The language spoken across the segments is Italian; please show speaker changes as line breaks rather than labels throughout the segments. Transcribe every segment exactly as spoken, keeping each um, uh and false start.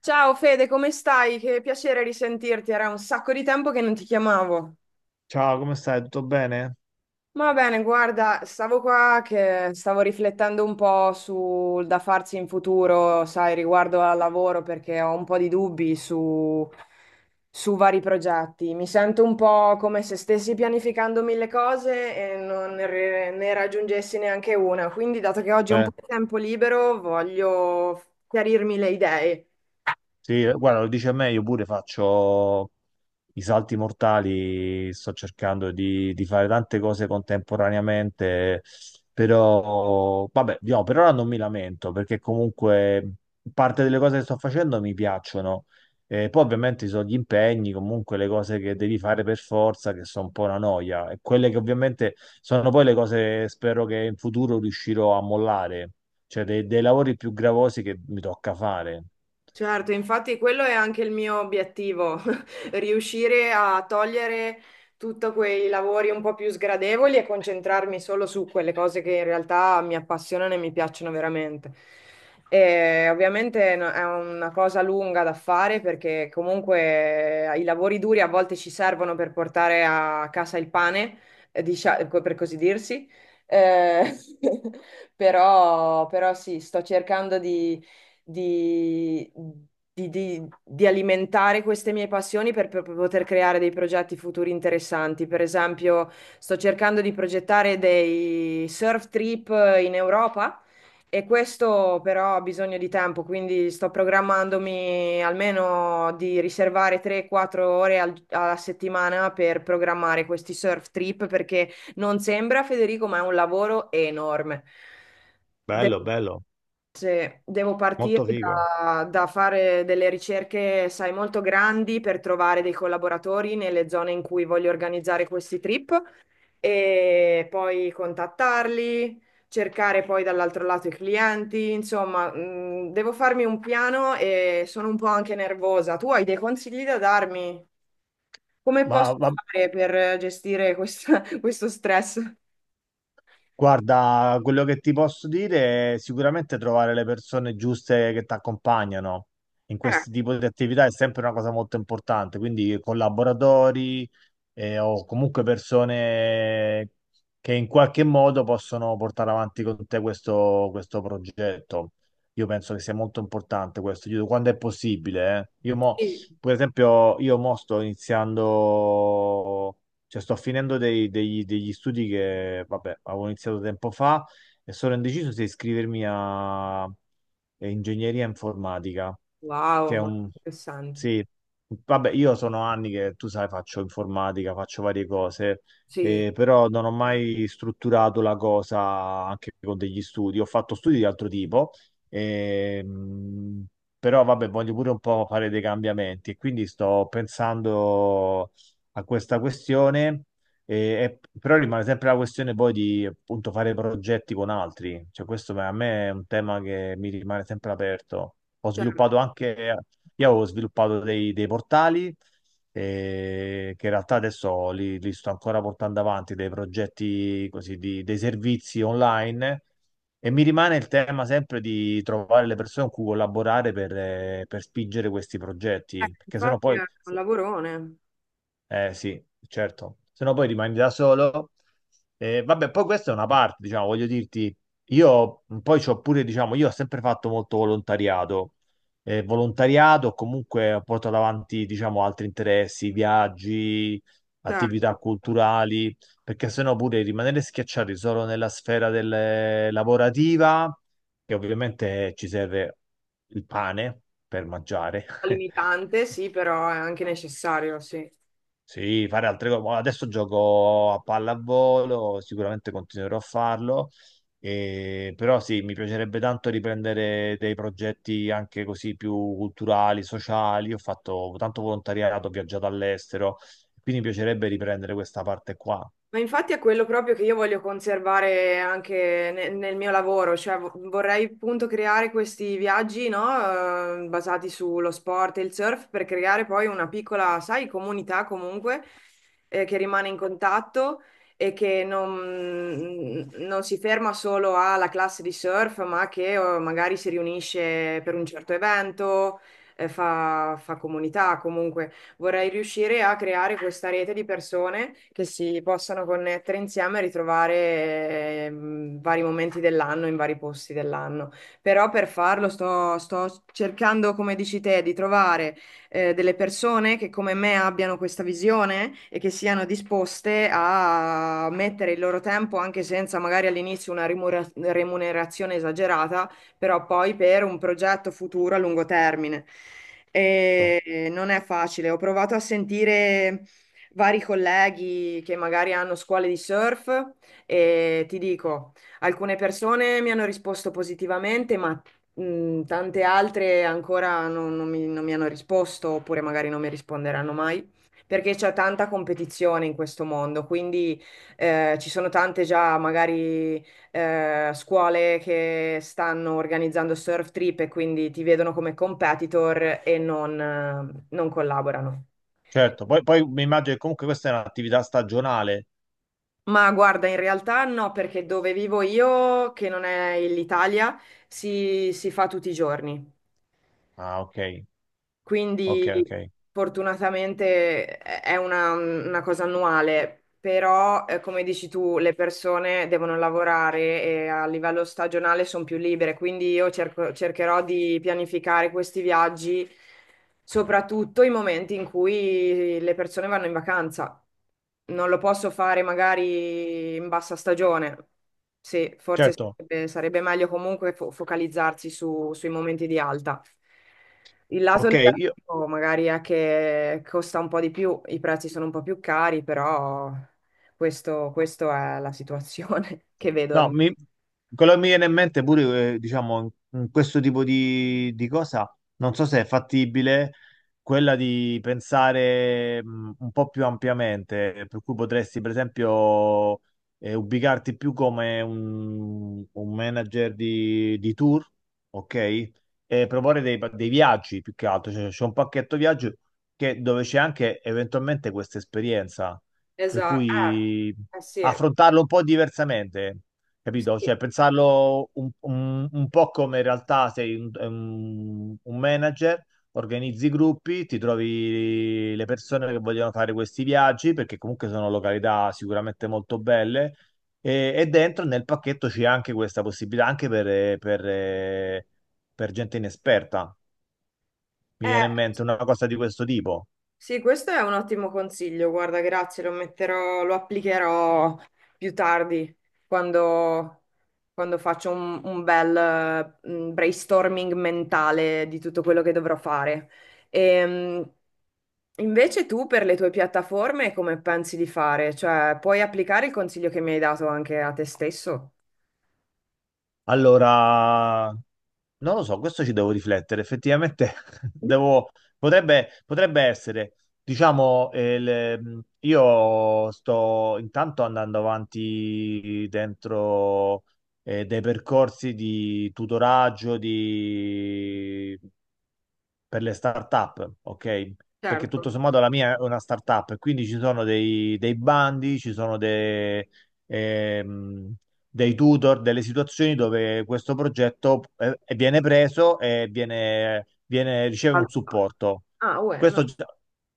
Ciao Fede, come stai? Che piacere risentirti, era un sacco di tempo che non ti chiamavo.
Ciao, come stai? Tutto bene?
Va bene, guarda, stavo qua che stavo riflettendo un po' sul da farsi in futuro, sai, riguardo al lavoro, perché ho un po' di dubbi su, su vari progetti. Mi sento un po' come se stessi pianificando mille cose e non ne, re- ne raggiungessi neanche una. Quindi, dato che oggi ho un
Eh,
po' di tempo libero, voglio chiarirmi le idee.
sì, eh, guarda, lo dice a me, io pure faccio, i salti mortali, sto cercando di, di fare tante cose contemporaneamente, però vabbè, diciamo, per ora non mi lamento perché comunque parte delle cose che sto facendo mi piacciono. E poi ovviamente ci sono gli impegni, comunque le cose che devi fare per forza, che sono un po' una noia, e quelle che ovviamente sono poi le cose spero che in futuro riuscirò a mollare, cioè dei, dei lavori più gravosi che mi tocca fare.
Certo, infatti quello è anche il mio obiettivo, riuscire a togliere tutti quei lavori un po' più sgradevoli e concentrarmi solo su quelle cose che in realtà mi appassionano e mi piacciono veramente. E ovviamente no- è una cosa lunga da fare perché comunque i lavori duri a volte ci servono per portare a casa il pane, eh, dicia- per così dirsi. Eh, però, però sì, sto cercando di di, di- di- di alimentare queste mie passioni per, per poter creare dei progetti futuri interessanti. Per esempio, sto cercando di progettare dei surf trip in Europa. E questo però ha bisogno di tempo, quindi sto programmandomi almeno di riservare tre quattro ore al- alla settimana per programmare questi surf trip perché non sembra, Federico, ma è un lavoro enorme.
Bello, bello,
Se devo partire
molto figo.
da, da fare delle ricerche, sai, molto grandi per trovare dei collaboratori nelle zone in cui voglio organizzare questi trip e poi contattarli, cercare poi dall'altro lato i clienti, insomma, mh, devo farmi un piano e sono un po' anche nervosa. Tu hai dei consigli da darmi? Come posso
Ma, ma-
fare per gestire questa- questo stress?
Guarda, quello che ti posso dire è sicuramente trovare le persone giuste che ti accompagnano in
Eh,
questo tipo di attività è sempre una cosa molto importante, quindi collaboratori eh, o comunque persone che in qualche modo possono portare avanti con te questo, questo progetto. Io penso che sia molto importante questo, io- quando è possibile. eh. Io mo,
Sì,
per esempio, io mo sto iniziando. Cioè, sto finendo dei- degli, degli studi che, vabbè, avevo iniziato tempo fa e sono indeciso se iscrivermi a, a ingegneria informatica,
wow,
che è
ma
un...
interessante.
Sì, vabbè, io sono anni che, tu sai, faccio informatica, faccio varie cose,
Sì.
eh, però non ho mai strutturato la cosa anche con degli studi. Ho fatto studi di altro tipo, ehm, però, vabbè, voglio pure un po' fare dei cambiamenti e quindi sto pensando a questa questione, e- e- però rimane sempre la questione poi di appunto fare progetti con altri, cioè questo per- a me è un tema che mi rimane sempre aperto. Ho
Certo.
sviluppato anche, io avevo sviluppato dei, dei portali eh, che in realtà adesso li, li sto ancora portando avanti, dei progetti così, di- dei servizi online. E mi rimane il tema sempre di trovare le persone con cui collaborare per, eh, per spingere questi
Eh,
progetti, perché sennò
infatti
poi
è un lavorone,
eh sì, certo, se no poi rimani da solo. Eh, vabbè, poi questa è una parte, diciamo, voglio dirti, io poi c'ho pure, diciamo, io ho sempre fatto molto volontariato. Eh, volontariato, comunque porto avanti, diciamo, altri interessi, viaggi, attività
certo,
culturali, perché sennò pure rimanere schiacciati solo nella sfera del, lavorativa, che ovviamente ci serve il pane per mangiare.
limitante sì, però è anche necessario, sì.
Sì, fare altre cose. Boh, adesso gioco a pallavolo, sicuramente continuerò a farlo, e- però sì, mi piacerebbe tanto riprendere dei progetti anche così più culturali, sociali. Ho fatto tanto volontariato, ho viaggiato all'estero, quindi mi piacerebbe riprendere questa parte qua.
Ma infatti è quello proprio che io voglio conservare anche ne- nel mio lavoro, cioè vo- vorrei appunto creare questi viaggi, no, eh, basati sullo sport e il surf per creare poi una piccola, sai, comunità comunque eh, che rimane in contatto e che non, mm, non si ferma solo alla classe di surf, ma che eh, magari si riunisce per un certo evento, eh, fa fa comunità comunque vorrei riuscire a creare questa rete di persone che si possano connettere insieme e ritrovare ehm, vari momenti dell'anno in vari posti dell'anno. Però per farlo sto, sto cercando, come dici te, di trovare eh, delle persone che come me abbiano questa visione e che siano disposte a mettere il loro tempo, anche senza magari all'inizio una rimura- remunerazione esagerata però poi per un progetto futuro a lungo termine.
No?
E eh, non è facile. Ho provato a sentire vari colleghi che magari hanno scuole di surf e ti dico, alcune persone mi hanno risposto positivamente, ma mh, tante altre ancora non, non mi, non mi hanno risposto, oppure magari non mi risponderanno mai. Perché c'è tanta competizione in questo mondo, quindi eh, ci sono tante già magari eh, scuole che stanno organizzando surf trip e quindi ti vedono come competitor e non, eh, non collaborano.
Certo, poi, poi mi immagino che comunque questa è un'attività stagionale.
Ma guarda, in realtà no, perché dove vivo io, che non è l'Italia, si, si fa tutti i giorni.
Ah, ok, ok,
Quindi
ok.
fortunatamente è è una, una cosa annuale, però eh, come dici tu, le persone devono lavorare e a livello stagionale sono più libere, quindi io cerco- cercherò di pianificare questi viaggi, soprattutto i momenti in cui le persone vanno in vacanza. Non lo posso fare magari in bassa stagione. Sì, forse
Certo,
sarebbe, sarebbe meglio comunque fo- focalizzarsi su- sui momenti di alta. Il lato
ok, io...
negativo magari è che costa un po' di più, i prezzi sono un po' più cari, però questo, questo è la situazione che
No,
vedo.
mi- quello che mi viene in mente pure, eh, diciamo, in, in questo tipo di, di cosa, non so se è fattibile quella di pensare mh, un po' più ampiamente, per cui potresti, per esempio, eh, ubicarti più come un, un manager di, di tour, ok? E proporre dei, pa- dei viaggi più che altro, cioè c'è un pacchetto viaggio che- dove c'è anche eventualmente questa esperienza, per
Esatto.
cui
Eh, eh sì,
affrontarlo un po' diversamente. Capito?
sì.
Cioè, pensarlo un, un- un po' come in realtà sei un, un- un manager, organizzi i gruppi, ti trovi le persone che vogliono fare questi viaggi, perché comunque sono località sicuramente molto belle, e, e dentro nel pacchetto c'è anche questa possibilità, anche per, per, per gente inesperta. Mi
Eh,
viene in mente una cosa di questo tipo.
sì, questo è un ottimo consiglio. Guarda, grazie, lo metterò, lo applicherò più tardi, quando quando faccio un, un bel eh, mm, brainstorming mentale di tutto quello che dovrò fare. Ehm, Invece tu per le tue piattaforme come pensi di fare? Cioè, puoi applicare il consiglio che mi hai dato anche a te stesso?
Allora, non lo so, questo ci devo riflettere. Effettivamente devo, potrebbe, potrebbe essere, diciamo, eh, il- io sto intanto andando avanti dentro eh, dei percorsi di tutoraggio, di per le start-up, ok? Perché
Certo.
tutto sommato la mia è una start-up, quindi ci sono dei, dei bandi, ci sono dei, ehm, dei tutor, delle situazioni dove questo progetto eh, viene preso e viene, viene- riceve un
Allora,
supporto.
ah,
Questo
bueno.
già-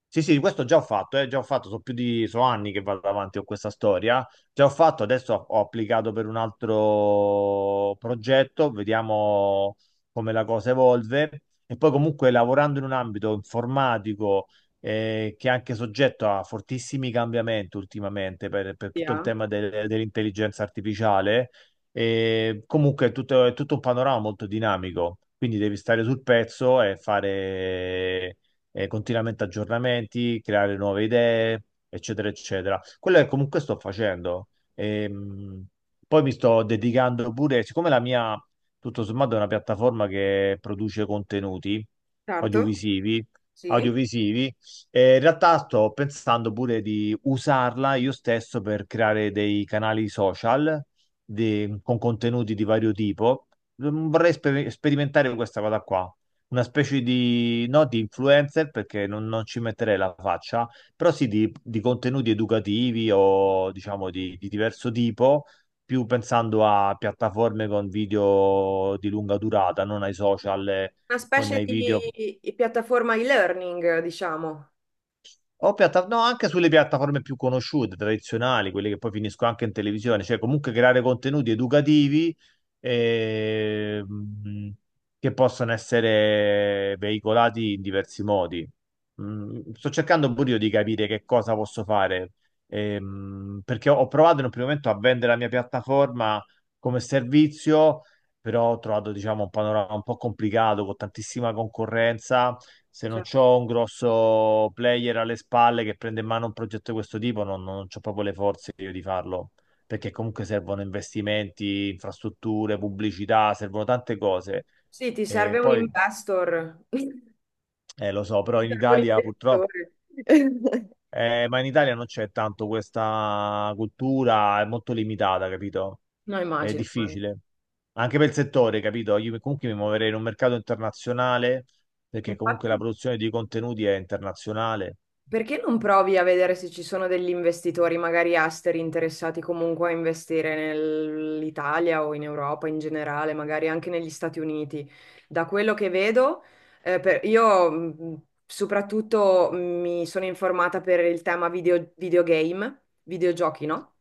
sì, sì, questo già ho fatto, eh, già ho fatto, sono più di, sono anni che vado avanti con questa storia. Già ho fatto, adesso ho ho applicato per un altro progetto, vediamo come la cosa evolve. E poi comunque lavorando in un ambito informatico eh, che è anche soggetto a fortissimi cambiamenti ultimamente per, per tutto il
Via.
tema del- dell'intelligenza artificiale, eh, comunque è tutto, è tutto un panorama molto dinamico, quindi devi stare sul pezzo e fare eh, continuamente aggiornamenti, creare nuove idee, eccetera, eccetera. Quello che comunque sto facendo. Ehm, poi mi sto dedicando pure, siccome la mia tutto sommato è una piattaforma che produce contenuti
Certo,
audiovisivi,
sì,
audiovisivi. E in realtà sto pensando pure di usarla io stesso per creare dei canali social di- con contenuti di vario tipo. Mm, vorrei sper- sperimentare questa cosa qua. Una specie di, no, di influencer perché non, non ci metterei la faccia, però sì di, di contenuti educativi o diciamo di di diverso tipo più pensando a piattaforme con video di lunga durata, non ai social eh,
una
con
specie
i video.
di di piattaforma e-learning, diciamo.
O piatta- no, anche sulle piattaforme più conosciute, tradizionali, quelle che poi finiscono anche in televisione, cioè comunque creare contenuti educativi ehm, che possono essere veicolati in diversi modi. Mm, sto cercando pure io di capire che cosa posso fare, ehm, perché ho ho provato in un primo momento a vendere la mia piattaforma come servizio, però ho trovato, diciamo, un panorama un po' complicato, con tantissima concorrenza se non
Cioè,
c'ho un grosso player alle spalle che prende in mano un progetto di questo tipo, non, non c'ho proprio le forze io di farlo, perché comunque servono investimenti, infrastrutture, pubblicità, servono tante cose.
sì, ti
E
serve un
poi,
investor,
eh, lo so, però
ti
in
serve un
Italia purtroppo,
investitore.
eh, ma in Italia non c'è tanto questa cultura, è molto limitata, capito?
No,
È
immagino.
difficile. Anche per il settore, capito? Io comunque mi muoverei in un mercato internazionale, perché comunque la
Infatti,
produzione di contenuti è internazionale.
perché non provi a vedere se ci sono degli investitori, magari esteri, interessati comunque a investire nell'Italia o in Europa in generale, magari anche negli Stati Uniti? Da quello che vedo, eh, per- io mh, soprattutto mi sono informata per il tema video- videogame, videogiochi, no?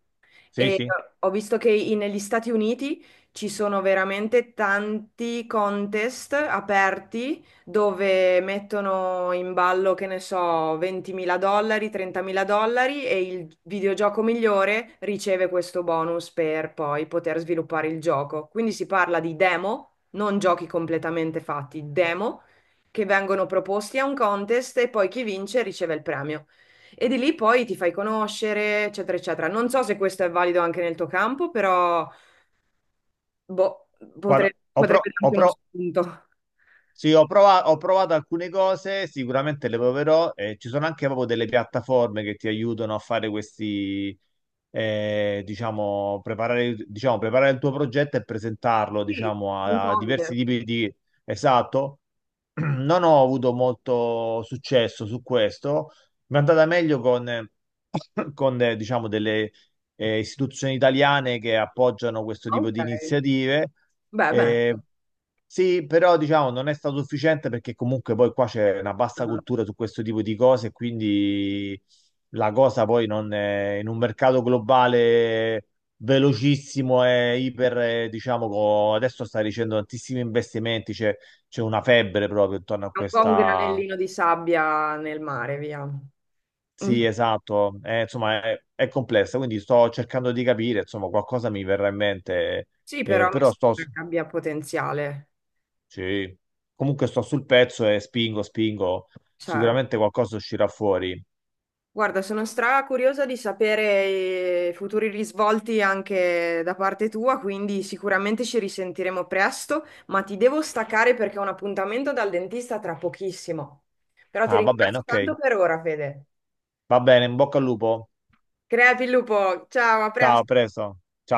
Sì,
E
sì.
ho visto che i- negli Stati Uniti ci sono veramente tanti contest aperti dove mettono in ballo, che ne so, 20.000 dollari, 30.000 dollari e il videogioco migliore riceve questo bonus per poi poter sviluppare il gioco. Quindi si parla di demo, non giochi completamente fatti, demo che vengono proposti a un contest e poi chi vince riceve il premio. E di lì poi ti fai conoscere, eccetera, eccetera. Non so se questo è valido anche nel tuo campo, però boh,
Guarda,
potre-
ho, pro-
potrebbe
ho
darti uno
pro-
spunto.
sì, ho prova- ho provato alcune cose, sicuramente le proverò. Eh, ci sono anche proprio delle piattaforme che ti aiutano a fare questi, eh, diciamo, preparare, diciamo, preparare il tuo progetto e presentarlo,
Sì,
diciamo,
un
a, a diversi
contest.
tipi di... Esatto. Non ho avuto molto successo su questo. Mi è andata meglio con, con eh, diciamo, delle eh, istituzioni italiane che appoggiano questo tipo
Ok.
di iniziative.
Beh, beh.
Eh, sì, però diciamo non è stato sufficiente perché comunque poi qua c'è una bassa
Mm. Un
cultura su questo tipo di cose, quindi la cosa poi non è, in un mercato globale velocissimo e iper, eh, diciamo, co- adesso sta ricevendo tantissimi investimenti, c'è c'è una febbre proprio intorno a
po' un
questa...
granellino di sabbia nel mare, via. Mm.
Sì, esatto, eh, insomma è, è complessa, quindi sto cercando di capire, insomma qualcosa mi verrà in mente,
Sì,
eh,
però mi
però sto...
sembra che abbia potenziale,
Sì, comunque sto sul pezzo e spingo, spingo,
certo.
sicuramente qualcosa uscirà fuori.
Guarda, sono stra curiosa di sapere eh, i futuri risvolti anche da parte tua, quindi sicuramente ci risentiremo presto, ma ti devo staccare perché ho un appuntamento dal dentista tra pochissimo. Però ti
Ah, va bene,
ringrazio
ok,
tanto per ora, Fede.
va bene, in bocca al lupo,
Crepi il lupo, ciao, a
ciao, a
presto.
presto. Ciao.